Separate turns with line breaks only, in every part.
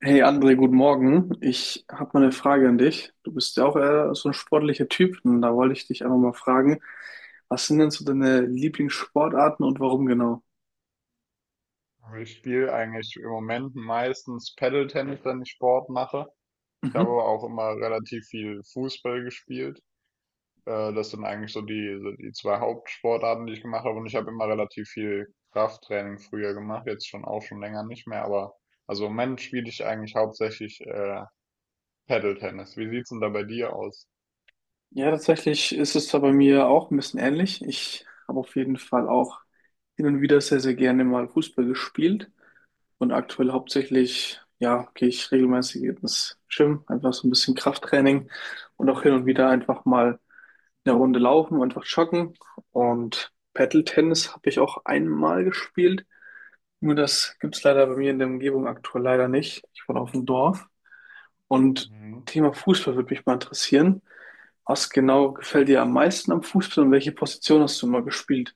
Hey André, guten Morgen. Ich habe mal eine Frage an dich. Du bist ja auch eher so ein sportlicher Typ und da wollte ich dich einfach mal fragen, was sind denn so deine Lieblingssportarten und warum genau?
Also, ich spiele eigentlich im Moment meistens Paddle-Tennis, wenn ich Sport mache. Ich habe
Mhm.
aber auch immer relativ viel Fußball gespielt. Das sind eigentlich so die zwei Hauptsportarten, die ich gemacht habe. Und ich habe immer relativ viel Krafttraining früher gemacht, jetzt schon auch schon länger nicht mehr. Aber also im Moment spiele ich eigentlich hauptsächlich Paddle-Tennis. Wie sieht's denn da bei dir aus?
Ja, tatsächlich ist es da bei mir auch ein bisschen ähnlich. Ich habe auf jeden Fall auch hin und wieder sehr, sehr gerne mal Fußball gespielt und aktuell hauptsächlich, ja, gehe ich regelmäßig ins Gym, einfach so ein bisschen Krafttraining und auch hin und wieder einfach mal, eine Runde laufen und einfach joggen. Und Paddle-Tennis habe ich auch einmal gespielt. Nur das gibt's leider bei mir in der Umgebung aktuell leider nicht. Ich wohne auf dem Dorf. Und
Mhm.
Thema Fußball würde mich mal interessieren. Was genau gefällt dir am meisten am Fußball und welche Position hast du mal gespielt?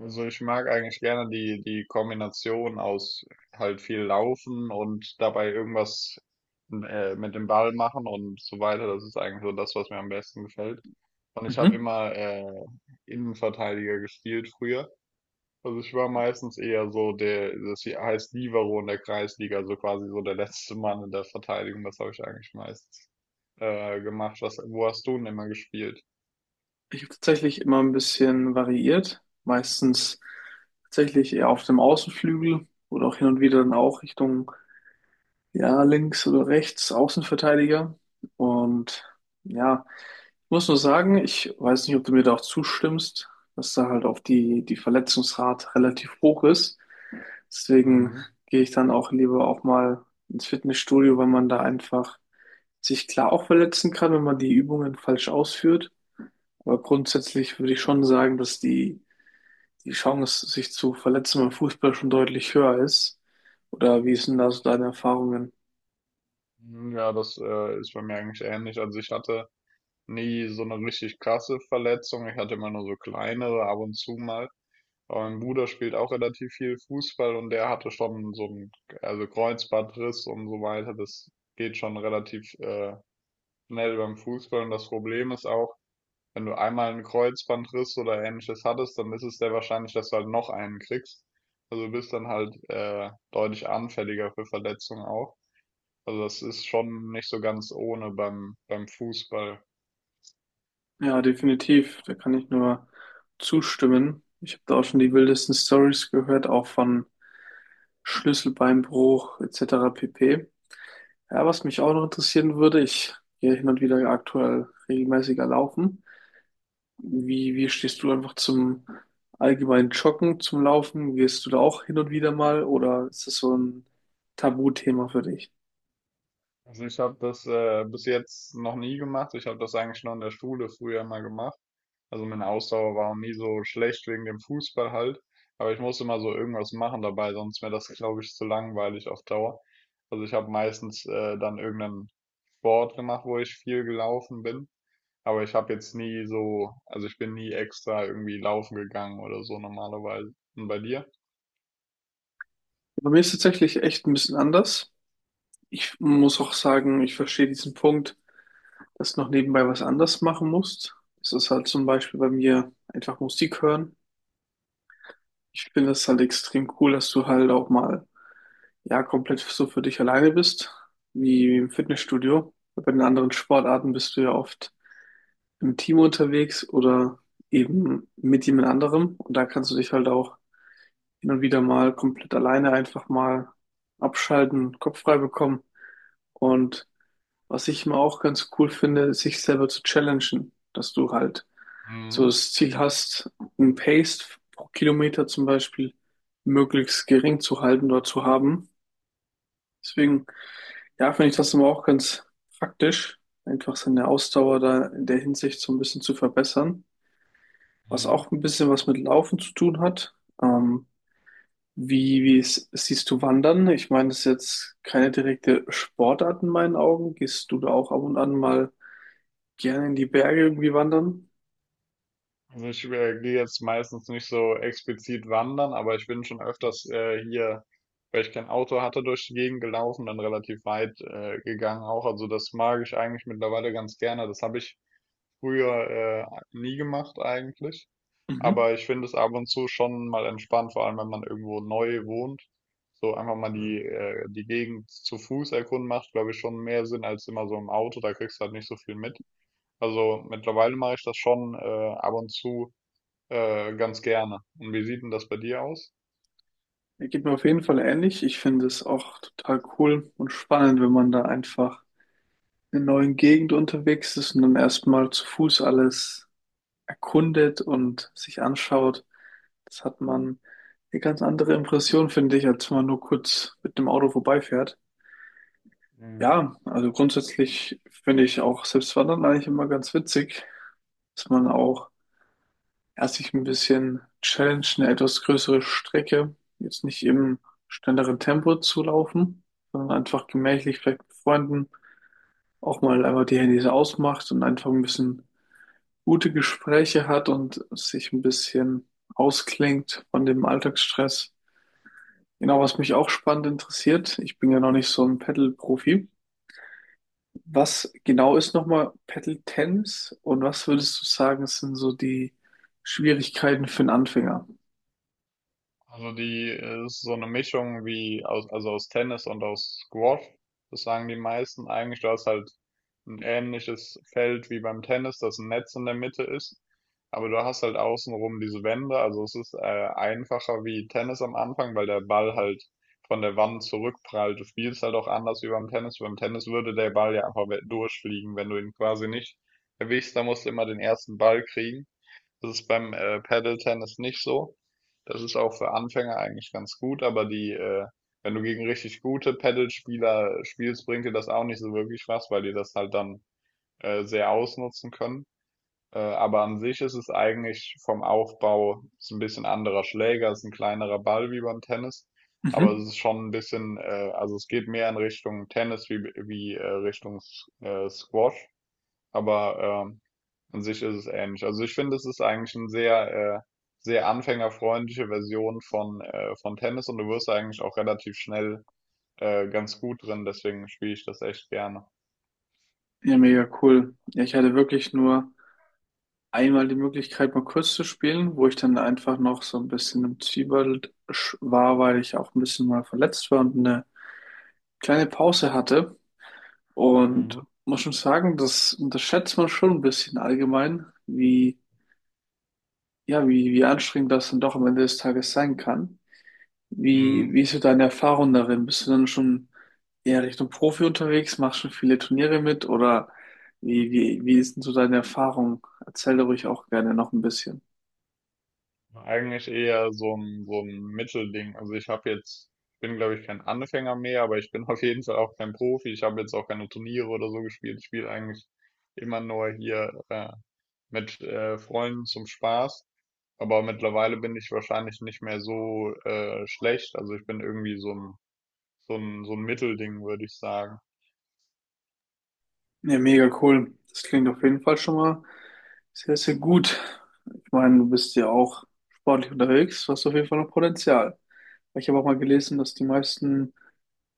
Also ich mag eigentlich gerne die Kombination aus halt viel laufen und dabei irgendwas mit dem Ball machen und so weiter. Das ist eigentlich so das, was mir am besten gefällt. Und ich habe
Mhm.
immer Innenverteidiger gespielt früher. Also ich war meistens eher so der, das hier heißt Libero in der Kreisliga, also quasi so der letzte Mann in der Verteidigung. Das habe ich eigentlich meistens gemacht. Wo hast du denn immer gespielt?
Ich habe tatsächlich immer ein bisschen variiert. Meistens tatsächlich eher auf dem Außenflügel oder auch hin und wieder dann auch Richtung, ja, links oder rechts, Außenverteidiger. Und ja, ich muss nur sagen, ich weiß nicht, ob du mir da auch zustimmst, dass da halt auch die Verletzungsrate relativ hoch ist. Deswegen
Mhm.
gehe ich dann auch lieber auch mal ins Fitnessstudio, weil man da einfach sich klar auch verletzen kann, wenn man die Übungen falsch ausführt. Aber grundsätzlich würde ich schon sagen, dass die Chance, sich zu verletzen beim Fußball schon deutlich höher ist. Oder wie sind da so deine Erfahrungen?
Ja, das ist bei mir eigentlich ähnlich. Also ich hatte nie so eine richtig krasse Verletzung. Ich hatte immer nur so kleinere ab und zu mal. Aber mein Bruder spielt auch relativ viel Fußball und der hatte schon so 'n also Kreuzbandriss und so weiter. Das geht schon relativ schnell beim Fußball. Und das Problem ist auch, wenn du einmal 'n Kreuzbandriss oder Ähnliches hattest, dann ist es sehr wahrscheinlich, dass du halt noch einen kriegst. Also du bist dann halt deutlich anfälliger für Verletzungen auch. Also das ist schon nicht so ganz ohne beim Fußball.
Ja, definitiv. Da kann ich nur zustimmen. Ich habe da auch schon die wildesten Stories gehört, auch von Schlüsselbeinbruch etc. pp. Ja, was mich auch noch interessieren würde, ich gehe hin und wieder aktuell regelmäßiger laufen. Wie stehst du einfach zum allgemeinen Joggen, zum Laufen? Gehst du da auch hin und wieder mal oder ist das so ein Tabuthema für dich?
Also ich habe das bis jetzt noch nie gemacht. Ich habe das eigentlich nur in der Schule früher mal gemacht. Also meine Ausdauer war auch nie so schlecht wegen dem Fußball halt. Aber ich musste immer so irgendwas machen dabei, sonst wäre das, glaube ich, zu langweilig auf Dauer. Also ich habe meistens dann irgendeinen Sport gemacht, wo ich viel gelaufen bin. Aber ich habe jetzt nie so, also ich bin nie extra irgendwie laufen gegangen oder so normalerweise. Und bei dir?
Bei mir ist es tatsächlich echt ein bisschen anders. Ich muss auch sagen, ich verstehe diesen Punkt, dass du noch nebenbei was anderes machen musst. Das ist halt zum Beispiel bei mir einfach Musik hören. Ich finde das halt extrem cool, dass du halt auch mal, ja, komplett so für dich alleine bist, wie im Fitnessstudio. Bei den anderen Sportarten bist du ja oft im Team unterwegs oder eben mit jemand anderem. Und da kannst du dich halt auch hin und wieder mal komplett alleine einfach mal abschalten, Kopf frei bekommen. Und was ich immer auch ganz cool finde, ist, sich selber zu challengen, dass du halt so
Mhm.
das Ziel hast, ein Pace pro Kilometer zum Beispiel möglichst gering zu halten oder zu haben. Deswegen, ja, finde ich das immer auch ganz praktisch, einfach seine Ausdauer da in der Hinsicht so ein bisschen zu verbessern. Was
Mhm.
auch ein bisschen was mit Laufen zu tun hat. Ähm, wie siehst du Wandern? Ich meine, das ist jetzt keine direkte Sportart in meinen Augen. Gehst du da auch ab und an mal gerne in die Berge irgendwie wandern?
Also ich gehe jetzt meistens nicht so explizit wandern, aber ich bin schon öfters hier, weil ich kein Auto hatte, durch die Gegend gelaufen, dann relativ weit gegangen auch. Also das mag ich eigentlich mittlerweile ganz gerne. Das habe ich früher nie gemacht eigentlich.
Mhm.
Aber ich finde es ab und zu schon mal entspannt, vor allem wenn man irgendwo neu wohnt. So einfach mal Mhm. die Gegend zu Fuß erkunden macht, glaube ich, schon mehr Sinn als immer so im Auto. Da kriegst du halt nicht so viel mit. Also mittlerweile mache ich das schon ab und zu ganz gerne. Und wie sieht denn das bei dir aus?
Er geht mir auf jeden Fall ähnlich. Ich finde es auch total cool und spannend, wenn man da einfach in einer neuen Gegend unterwegs ist und dann erstmal zu Fuß alles erkundet und sich anschaut. Das hat man eine ganz andere Impression, finde ich, als wenn man nur kurz mit dem Auto vorbeifährt. Ja, also grundsätzlich finde ich auch selbst Wandern eigentlich immer ganz witzig, dass man auch erst sich ein bisschen Challenge eine etwas größere Strecke, jetzt nicht im schnelleren Tempo zu laufen, sondern einfach gemächlich vielleicht mit Freunden auch mal einfach die Handys ausmacht und einfach ein bisschen gute Gespräche hat und sich ein bisschen ausklingt von dem Alltagsstress. Genau, was mich auch spannend interessiert, ich bin ja noch nicht so ein Paddle-Profi. Was genau ist nochmal Paddle-Tennis und was würdest du sagen, sind so die Schwierigkeiten für einen Anfänger?
Also die ist so eine Mischung wie aus, also aus Tennis und aus Squash. Das sagen die meisten eigentlich. Du hast halt ein ähnliches Feld wie beim Tennis, das ein Netz in der Mitte ist. Aber du hast halt außenrum diese Wände. Also es ist einfacher wie Tennis am Anfang, weil der Ball halt von der Wand zurückprallt. Du spielst halt auch anders wie beim Tennis. Beim Tennis würde der Ball ja einfach durchfliegen, wenn du ihn quasi nicht erwischst. Da musst du immer den ersten Ball kriegen. Das ist beim Paddle-Tennis nicht so. Das ist auch für Anfänger eigentlich ganz gut, aber wenn du gegen richtig gute Paddle-Spieler spielst, bringt dir das auch nicht so wirklich was, weil die das halt dann sehr ausnutzen können. Aber an sich ist es eigentlich vom Aufbau ist ein bisschen anderer Schläger, ist ein kleinerer Ball wie beim Tennis, aber es
Mhm.
ist schon ein bisschen, also es geht mehr in Richtung Tennis wie, wie Richtung Squash. Aber an sich ist es ähnlich. Also ich finde, es ist eigentlich eine sehr, sehr anfängerfreundliche Version von Tennis und du wirst da eigentlich auch relativ schnell ganz gut drin, deswegen spiele ich das echt gerne.
Ja, mega cool. Ja, ich hatte wirklich nur einmal die Möglichkeit, mal kurz zu spielen, wo ich dann einfach noch so ein bisschen im Zwiebelt war, weil ich auch ein bisschen mal verletzt war und eine kleine Pause hatte. Und
Mhm.
muss schon sagen, das unterschätzt man schon ein bisschen allgemein, wie, ja, wie anstrengend das dann doch am Ende des Tages sein kann. Wie,
Mhm.
wie ist so deine Erfahrung darin? Bist du dann schon eher Richtung Profi unterwegs? Machst schon viele Turniere mit? Oder wie ist denn so deine Erfahrung? Erzähl da ruhig auch gerne noch ein bisschen.
Eigentlich eher so ein Mittelding. Also ich habe jetzt, ich bin glaube ich kein Anfänger mehr, aber ich bin auf jeden Fall auch kein Profi. Ich habe jetzt auch keine Turniere oder so gespielt. Ich spiele eigentlich immer nur hier mit Freunden zum Spaß. Aber mittlerweile bin ich wahrscheinlich nicht mehr so schlecht. Also ich bin irgendwie so ein Mittelding, würde ich sagen.
Ja, mega cool. Das klingt auf jeden Fall schon mal sehr, sehr gut. Ich meine, du bist ja auch sportlich unterwegs. Du hast auf jeden Fall noch Potenzial. Ich habe auch mal gelesen, dass die meisten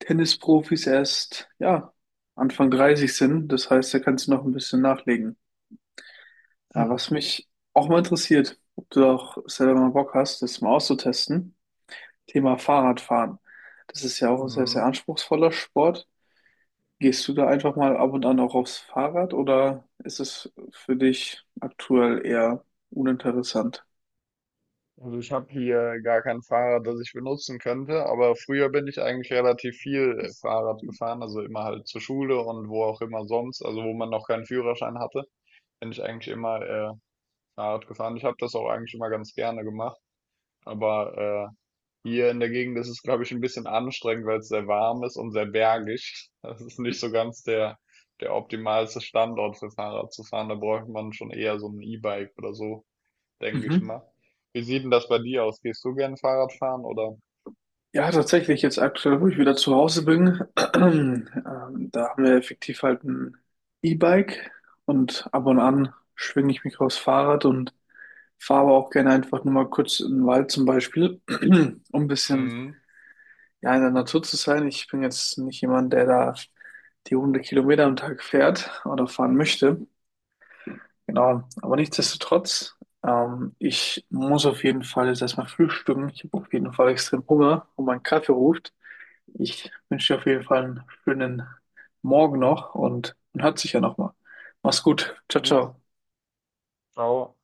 Tennisprofis erst, ja, Anfang 30 sind. Das heißt, da kannst du noch ein bisschen nachlegen. Ja,
Hm.
was mich auch mal interessiert, ob du auch selber mal Bock hast, das mal auszutesten. Thema Fahrradfahren. Das ist ja auch ein sehr, sehr
Mhm.
anspruchsvoller Sport. Gehst du da einfach mal ab und an auch aufs Fahrrad oder ist es für dich aktuell eher uninteressant?
Also ich habe hier gar kein Fahrrad, das ich benutzen könnte, aber früher bin ich eigentlich relativ viel Fahrrad gefahren, also immer halt zur Schule und wo auch immer sonst, also wo man noch keinen Führerschein hatte, bin ich eigentlich immer Fahrrad gefahren. Ich habe das auch eigentlich immer ganz gerne gemacht. Aber hier in der Gegend ist es, glaube ich, ein bisschen anstrengend, weil es sehr warm ist und sehr bergig. Das ist nicht so ganz der optimalste Standort für Fahrrad zu fahren. Da bräuchte man schon eher so ein E-Bike oder so, denke ich
Mhm.
mal. Wie sieht denn das bei dir aus? Gehst du gern Fahrrad fahren oder?
Ja, tatsächlich, jetzt aktuell, wo ich wieder zu Hause bin, ähm, da haben wir effektiv halt ein E-Bike und ab und an schwinge ich mich aufs Fahrrad und fahre aber auch gerne einfach nur mal kurz in den Wald zum Beispiel, um ein bisschen
Mhm.
ja, in der Natur zu sein. Ich bin jetzt nicht jemand, der da die 100 Kilometer am Tag fährt oder fahren möchte. Genau, aber nichtsdestotrotz, ich muss auf jeden Fall jetzt erstmal frühstücken. Ich habe auf jeden Fall extrem Hunger und mein Kaffee ruft. Ich wünsche dir auf jeden Fall einen schönen Morgen noch und man hört sich ja nochmal. Mach's gut. Ciao,
Mhm.
ciao.
Au.